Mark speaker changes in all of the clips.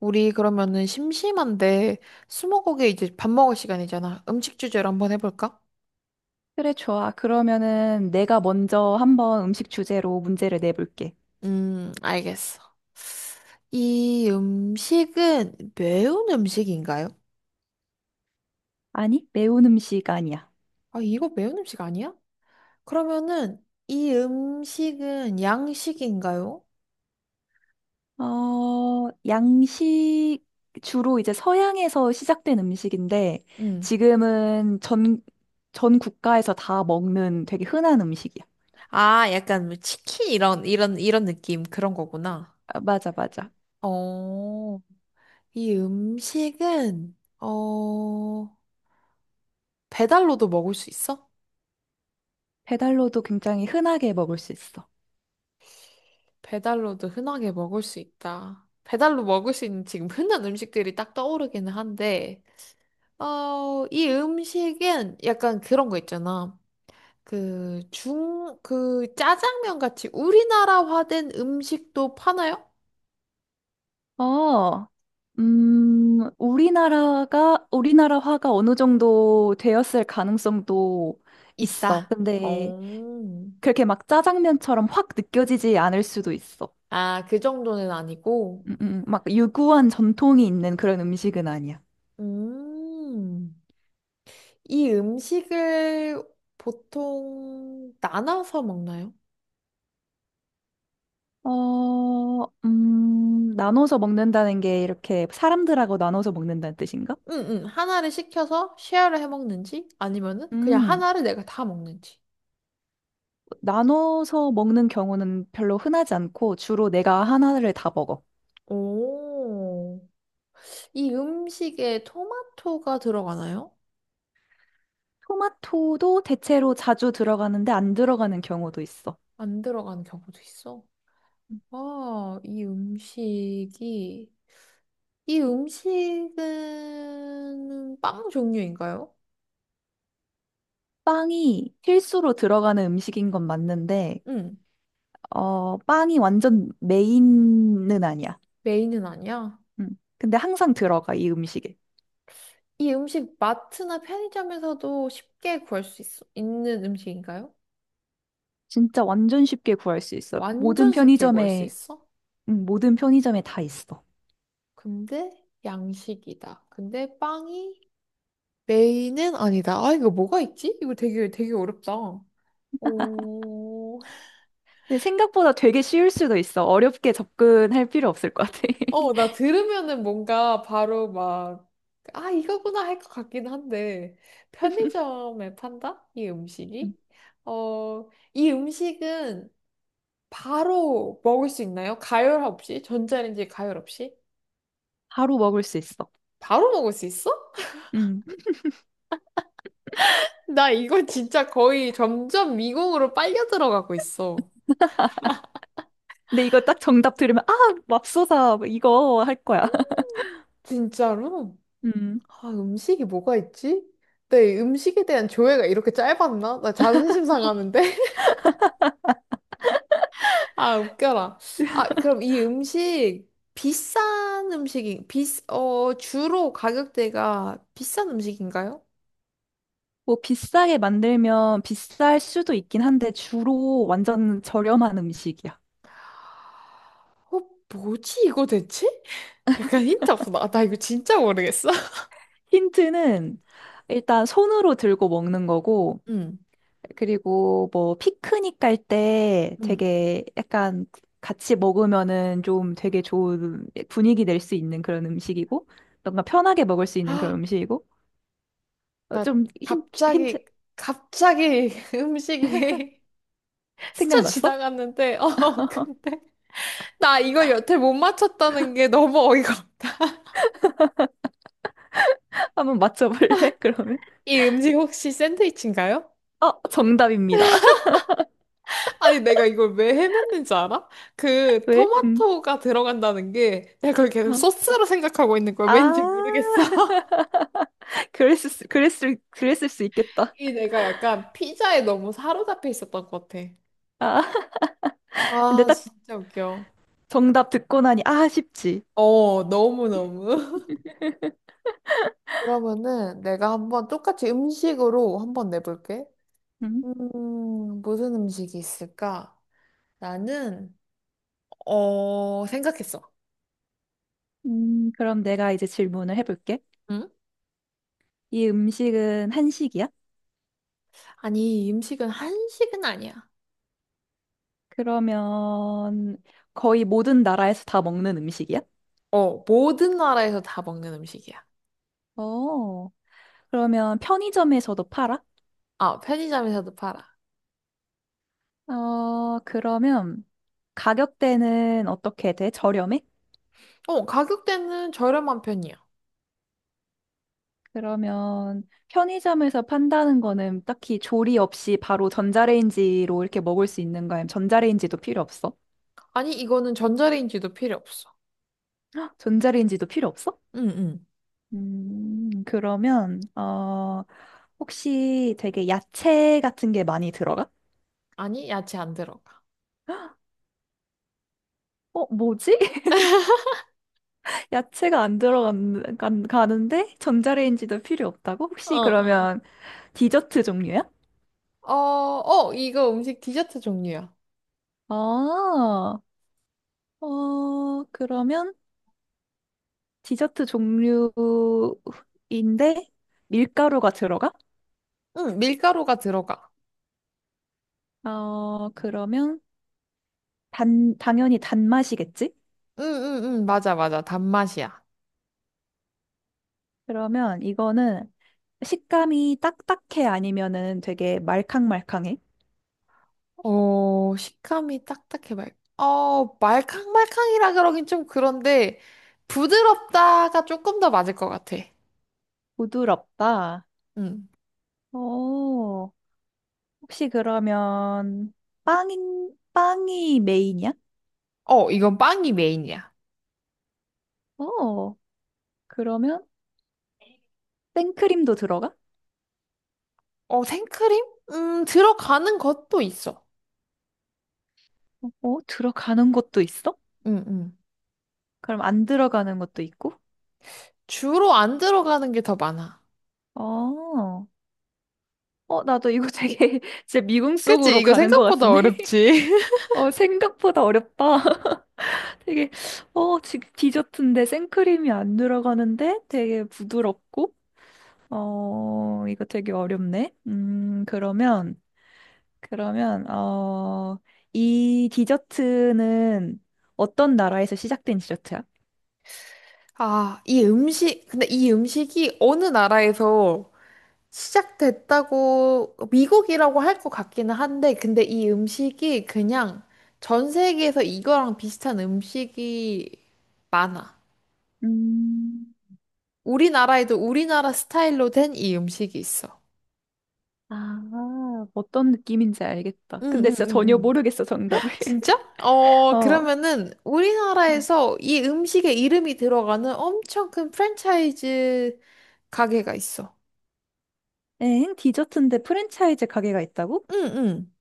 Speaker 1: 우리 그러면은 심심한데 스무고개 이제 밥 먹을 시간이잖아. 음식 주제로 한번 해볼까?
Speaker 2: 그래, 좋아. 그러면은 내가 먼저 한번 음식 주제로 문제를 내볼게.
Speaker 1: 알겠어. 이 음식은 매운 음식인가요?
Speaker 2: 아니, 매운 음식 아니야.
Speaker 1: 아, 이거 매운 음식 아니야? 그러면은 이 음식은 양식인가요?
Speaker 2: 어, 양식, 주로 이제 서양에서 시작된 음식인데,
Speaker 1: 음.
Speaker 2: 지금은 전 국가에서 다 먹는 되게 흔한 음식이야.
Speaker 1: 아, 약간 뭐 치킨 이런 느낌 그런 거구나.
Speaker 2: 아, 맞아, 맞아.
Speaker 1: 어, 이 음식은 배달로도 먹을 수 있어?
Speaker 2: 배달로도 굉장히 흔하게 먹을 수 있어.
Speaker 1: 배달로도 흔하게 먹을 수 있다. 배달로 먹을 수 있는 지금 흔한 음식들이 딱 떠오르기는 한데, 어, 이 음식은 약간 그런 거 있잖아. 그 짜장면 같이 우리나라화된 음식도 파나요?
Speaker 2: 어, 우리나라화가 어느 정도 되었을 가능성도 있어.
Speaker 1: 있다.
Speaker 2: 근데
Speaker 1: 어.
Speaker 2: 그렇게 막 짜장면처럼 확 느껴지지 않을 수도 있어.
Speaker 1: 아, 그 정도는 아니고.
Speaker 2: 막 유구한 전통이 있는 그런 음식은 아니야.
Speaker 1: 음. 이 음식을 보통 나눠서 먹나요?
Speaker 2: 나눠서 먹는다는 게 이렇게 사람들하고 나눠서 먹는다는 뜻인가?
Speaker 1: 응응 하나를 시켜서 쉐어를 해 먹는지 아니면은 그냥
Speaker 2: 음,
Speaker 1: 하나를 내가 다 먹는지.
Speaker 2: 나눠서 먹는 경우는 별로 흔하지 않고 주로 내가 하나를 다 먹어.
Speaker 1: 오. 이 음식에 토마토가 들어가나요?
Speaker 2: 토마토도 대체로 자주 들어가는데 안 들어가는 경우도 있어.
Speaker 1: 안 들어가는 경우도 있어. 아, 이 음식이 이 음식은 빵 종류인가요?
Speaker 2: 빵이 필수로 들어가는 음식인 건 맞는데,
Speaker 1: 응.
Speaker 2: 어, 빵이 완전 메인은 아니야.
Speaker 1: 메인은 아니야.
Speaker 2: 음. 근데 항상 들어가, 이 음식에.
Speaker 1: 이 음식 마트나 편의점에서도 쉽게 구할 수 있어, 있는 음식인가요?
Speaker 2: 진짜 완전 쉽게 구할 수 있어. 모든
Speaker 1: 완전 쉽게 구할 수
Speaker 2: 편의점에,
Speaker 1: 있어?
Speaker 2: 모든 편의점에 다 있어.
Speaker 1: 근데 양식이다. 근데 빵이 메인은 아니다. 아, 이거 뭐가 있지? 이거 되게 어렵다. 오,
Speaker 2: 근데 생각보다 되게 쉬울 수도 있어. 어렵게 접근할 필요 없을 것 같아.
Speaker 1: 어, 나 들으면은 뭔가 바로 막, 아, 이거구나 할 것 같긴 한데, 편의점에 판다? 이
Speaker 2: 음.
Speaker 1: 음식이? 어, 이 음식은 바로 먹을 수 있나요? 가열 없이? 전자레인지 가열 없이?
Speaker 2: 바로 먹을 수 있어.
Speaker 1: 바로 먹을 수 있어?
Speaker 2: 음.
Speaker 1: 나 이거 진짜 거의 점점 미궁으로 빨려 들어가고 있어.
Speaker 2: 근데 이거 딱 정답 들으면, 아, 맙소사, 뭐 이거 할 거야.
Speaker 1: 진짜로?
Speaker 2: 음.
Speaker 1: 아, 음식이 뭐가 있지? 내 음식에 대한 조회가 이렇게 짧았나? 나 자존심 상하는데? 아, 웃겨라. 아, 그럼 이 음식, 비싼 음식이, 비, 어, 주로 가격대가 비싼 음식인가요?
Speaker 2: 뭐 비싸게 만들면 비쌀 수도 있긴 한데 주로 완전 저렴한 음식이야.
Speaker 1: 어, 뭐지 이거 대체? 약간 힌트 없어. 나 이거 진짜 모르겠어.
Speaker 2: 힌트는 일단 손으로 들고 먹는 거고,
Speaker 1: 응,
Speaker 2: 그리고 뭐 피크닉 갈 때
Speaker 1: 응.
Speaker 2: 되게 약간 같이 먹으면은 좀 되게 좋은 분위기 낼 수 있는 그런 음식이고 뭔가 편하게 먹을 수 있는 그런
Speaker 1: 아,
Speaker 2: 음식이고 어,
Speaker 1: 나
Speaker 2: 좀 힌트.
Speaker 1: 갑자기, 갑자기 음식이 스쳐
Speaker 2: 생각났어?
Speaker 1: 지나갔는데, 어, 근데. 나 이거 여태 못 맞췄다는 게 너무 어이가 없다.
Speaker 2: 한번 맞춰볼래? 그러면
Speaker 1: 이 음식 혹시 샌드위치인가요?
Speaker 2: 어 정답입니다.
Speaker 1: 아니, 내가 이걸 왜 헤맸는지 알아? 그
Speaker 2: 왜? 음.
Speaker 1: 토마토가 들어간다는 게 내가 그걸 계속
Speaker 2: 어.
Speaker 1: 소스로 생각하고 있는 거야. 왠지
Speaker 2: 아
Speaker 1: 모르겠어.
Speaker 2: 그랬을 수 있겠다.
Speaker 1: 이 내가 약간 피자에 너무 사로잡혀 있었던 것 같아.
Speaker 2: 아 근데
Speaker 1: 아,
Speaker 2: 딱
Speaker 1: 진짜 웃겨.
Speaker 2: 정답 듣고 나니 아 쉽지.
Speaker 1: 어, 너무너무. 그러면은 내가 한번 똑같이 음식으로 한번 내볼게.
Speaker 2: 음,
Speaker 1: 무슨 음식이 있을까? 나는, 어, 생각했어.
Speaker 2: 그럼 내가 이제 질문을 해볼게.
Speaker 1: 응?
Speaker 2: 이 음식은 한식이야?
Speaker 1: 아니, 이 음식은 한식은 아니야.
Speaker 2: 그러면 거의 모든 나라에서 다 먹는 음식이야?
Speaker 1: 어, 모든 나라에서 다 먹는 음식이야.
Speaker 2: 어, 그러면 편의점에서도 팔아?
Speaker 1: 아, 편의점에서도 팔아.
Speaker 2: 어, 그러면 가격대는 어떻게 돼? 저렴해?
Speaker 1: 어, 가격대는 저렴한 편이야.
Speaker 2: 그러면 편의점에서 판다는 거는 딱히 조리 없이 바로 전자레인지로 이렇게 먹을 수 있는 거야? 아니면 전자레인지도 필요 없어?
Speaker 1: 아니, 이거는 전자레인지도 필요 없어.
Speaker 2: 헉, 전자레인지도 필요 없어?
Speaker 1: 응, 응.
Speaker 2: 그러면, 혹시 되게 야채 같은 게 많이 들어가?
Speaker 1: 아니, 야채 안 들어가.
Speaker 2: 어, 뭐지? 야채가 안 들어가는데 전자레인지도 필요 없다고?
Speaker 1: 어,
Speaker 2: 혹시
Speaker 1: 어.
Speaker 2: 그러면 디저트 종류야?
Speaker 1: 어, 어, 이거 음식 디저트 종류야.
Speaker 2: 아, 어, 그러면 디저트 종류인데 밀가루가 들어가?
Speaker 1: 응, 밀가루가 들어가.
Speaker 2: 어, 그러면 단, 당연히 단맛이겠지?
Speaker 1: 응, 응, 응, 맞아, 맞아. 단맛이야.
Speaker 2: 그러면 이거는 식감이 딱딱해 아니면은 되게 말캉말캉해?
Speaker 1: 어, 식감이 딱딱해, 말캉말캉이라 그러긴 좀 그런데, 부드럽다가 조금 더 맞을 것 같아.
Speaker 2: 부드럽다.
Speaker 1: 응.
Speaker 2: 어, 혹시 그러면 빵이 메인이야?
Speaker 1: 어, 이건 빵이 메인이야.
Speaker 2: 어, 그러면 생크림도 들어가?
Speaker 1: 어, 생크림? 들어가는 것도 있어.
Speaker 2: 어, 들어가는 것도 있어?
Speaker 1: 응, 응.
Speaker 2: 그럼 안 들어가는 것도 있고?
Speaker 1: 주로 안 들어가는 게 더 많아.
Speaker 2: 어, 어, 나도 이거 되게 진짜 미궁
Speaker 1: 그치?
Speaker 2: 속으로
Speaker 1: 이거
Speaker 2: 가는 것
Speaker 1: 생각보다
Speaker 2: 같은데?
Speaker 1: 어렵지?
Speaker 2: 어, 생각보다 어렵다. 되게, 어, 디저트인데 생크림이 안 들어가는데 되게 부드럽고? 어, 이거 되게 어렵네. 그러면, 어, 이 디저트는 어떤 나라에서 시작된 디저트야?
Speaker 1: 아, 이 음식, 근데 이 음식이 어느 나라에서 시작됐다고, 미국이라고 할 것 같기는 한데, 근데 이 음식이 그냥 전 세계에서 이거랑 비슷한 음식이 많아.
Speaker 2: 음,
Speaker 1: 우리나라에도 우리나라 스타일로 된 이 음식이 있어.
Speaker 2: 아, 어떤 느낌인지 알겠다.
Speaker 1: 응,
Speaker 2: 근데
Speaker 1: 응,
Speaker 2: 진짜 전혀
Speaker 1: 응,
Speaker 2: 모르겠어, 정답을.
Speaker 1: 진짜? 어,
Speaker 2: 어.
Speaker 1: 그러면은 우리나라에서 이 음식에 이름이 들어가는 엄청 큰 프랜차이즈 가게가 있어.
Speaker 2: 엥? 디저트인데 프랜차이즈 가게가 있다고?
Speaker 1: 응, 응.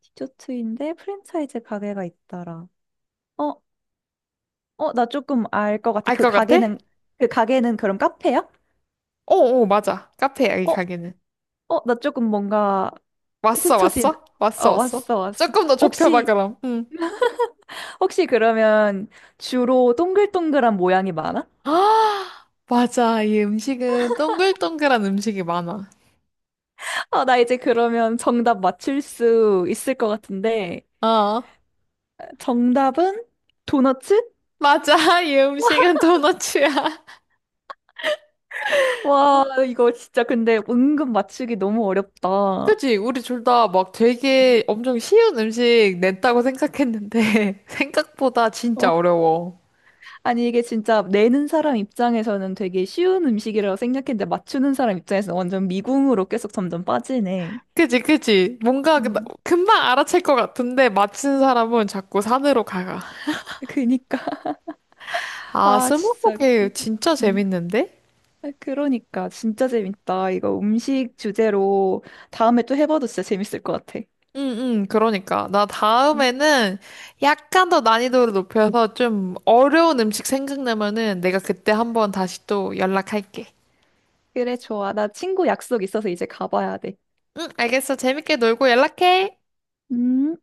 Speaker 2: 디저트인데 프랜차이즈 가게가 있더라. 어, 어, 나 조금 알 것 같아.
Speaker 1: 알
Speaker 2: 그
Speaker 1: 것 같아?
Speaker 2: 가게는, 그 가게는 그럼 카페야?
Speaker 1: 어, 어, 맞아. 카페야, 이
Speaker 2: 어,
Speaker 1: 가게는.
Speaker 2: 어, 나 조금 뭔가
Speaker 1: 왔어,
Speaker 2: 스쳐진,
Speaker 1: 왔어? 왔어,
Speaker 2: 어,
Speaker 1: 왔어?
Speaker 2: 왔어, 왔어.
Speaker 1: 조금 더 좁혀봐,
Speaker 2: 혹시,
Speaker 1: 그럼. 응.
Speaker 2: 혹시 그러면 주로 동글동글한 모양이 많아?
Speaker 1: 아, 맞아. 이 음식은 동글동글한 음식이 많아.
Speaker 2: 아, 나 이제 그러면 정답 맞출 수 있을 것 같은데.
Speaker 1: 어,
Speaker 2: 정답은 도너츠?
Speaker 1: 맞아. 이 음식은 도너츠야.
Speaker 2: 와, 이거 진짜 근데 은근 맞추기 너무 어렵다. 어.
Speaker 1: 그지? 우리 둘 다 막 되게 엄청 쉬운 음식 냈다고 생각했는데, 생각보다 진짜 어려워.
Speaker 2: 아니, 이게 진짜 내는 사람 입장에서는 되게 쉬운 음식이라고 생각했는데 맞추는 사람 입장에서는 완전 미궁으로 계속 점점 빠지네.
Speaker 1: 그지? 뭔가
Speaker 2: 음.
Speaker 1: 금방 알아챌 것 같은데, 맞힌 사람은 자꾸 산으로 가가.
Speaker 2: 그니까.
Speaker 1: 아,
Speaker 2: 아, 진짜
Speaker 1: 스무고개
Speaker 2: 웃기다.
Speaker 1: 진짜
Speaker 2: 음.
Speaker 1: 재밌는데?
Speaker 2: 아, 그러니까. 진짜 재밌다. 이거 음식 주제로 다음에 또 해봐도 진짜 재밌을 것 같아.
Speaker 1: 응, 응, 그러니까. 나
Speaker 2: 음.
Speaker 1: 다음에는 약간 더 난이도를 높여서 좀 어려운 음식 생각나면은 내가 그때 한번 다시 또 연락할게.
Speaker 2: 그래, 좋아. 나 친구 약속 있어서 이제 가봐야 돼.
Speaker 1: 응, 알겠어. 재밌게 놀고 연락해.
Speaker 2: 음.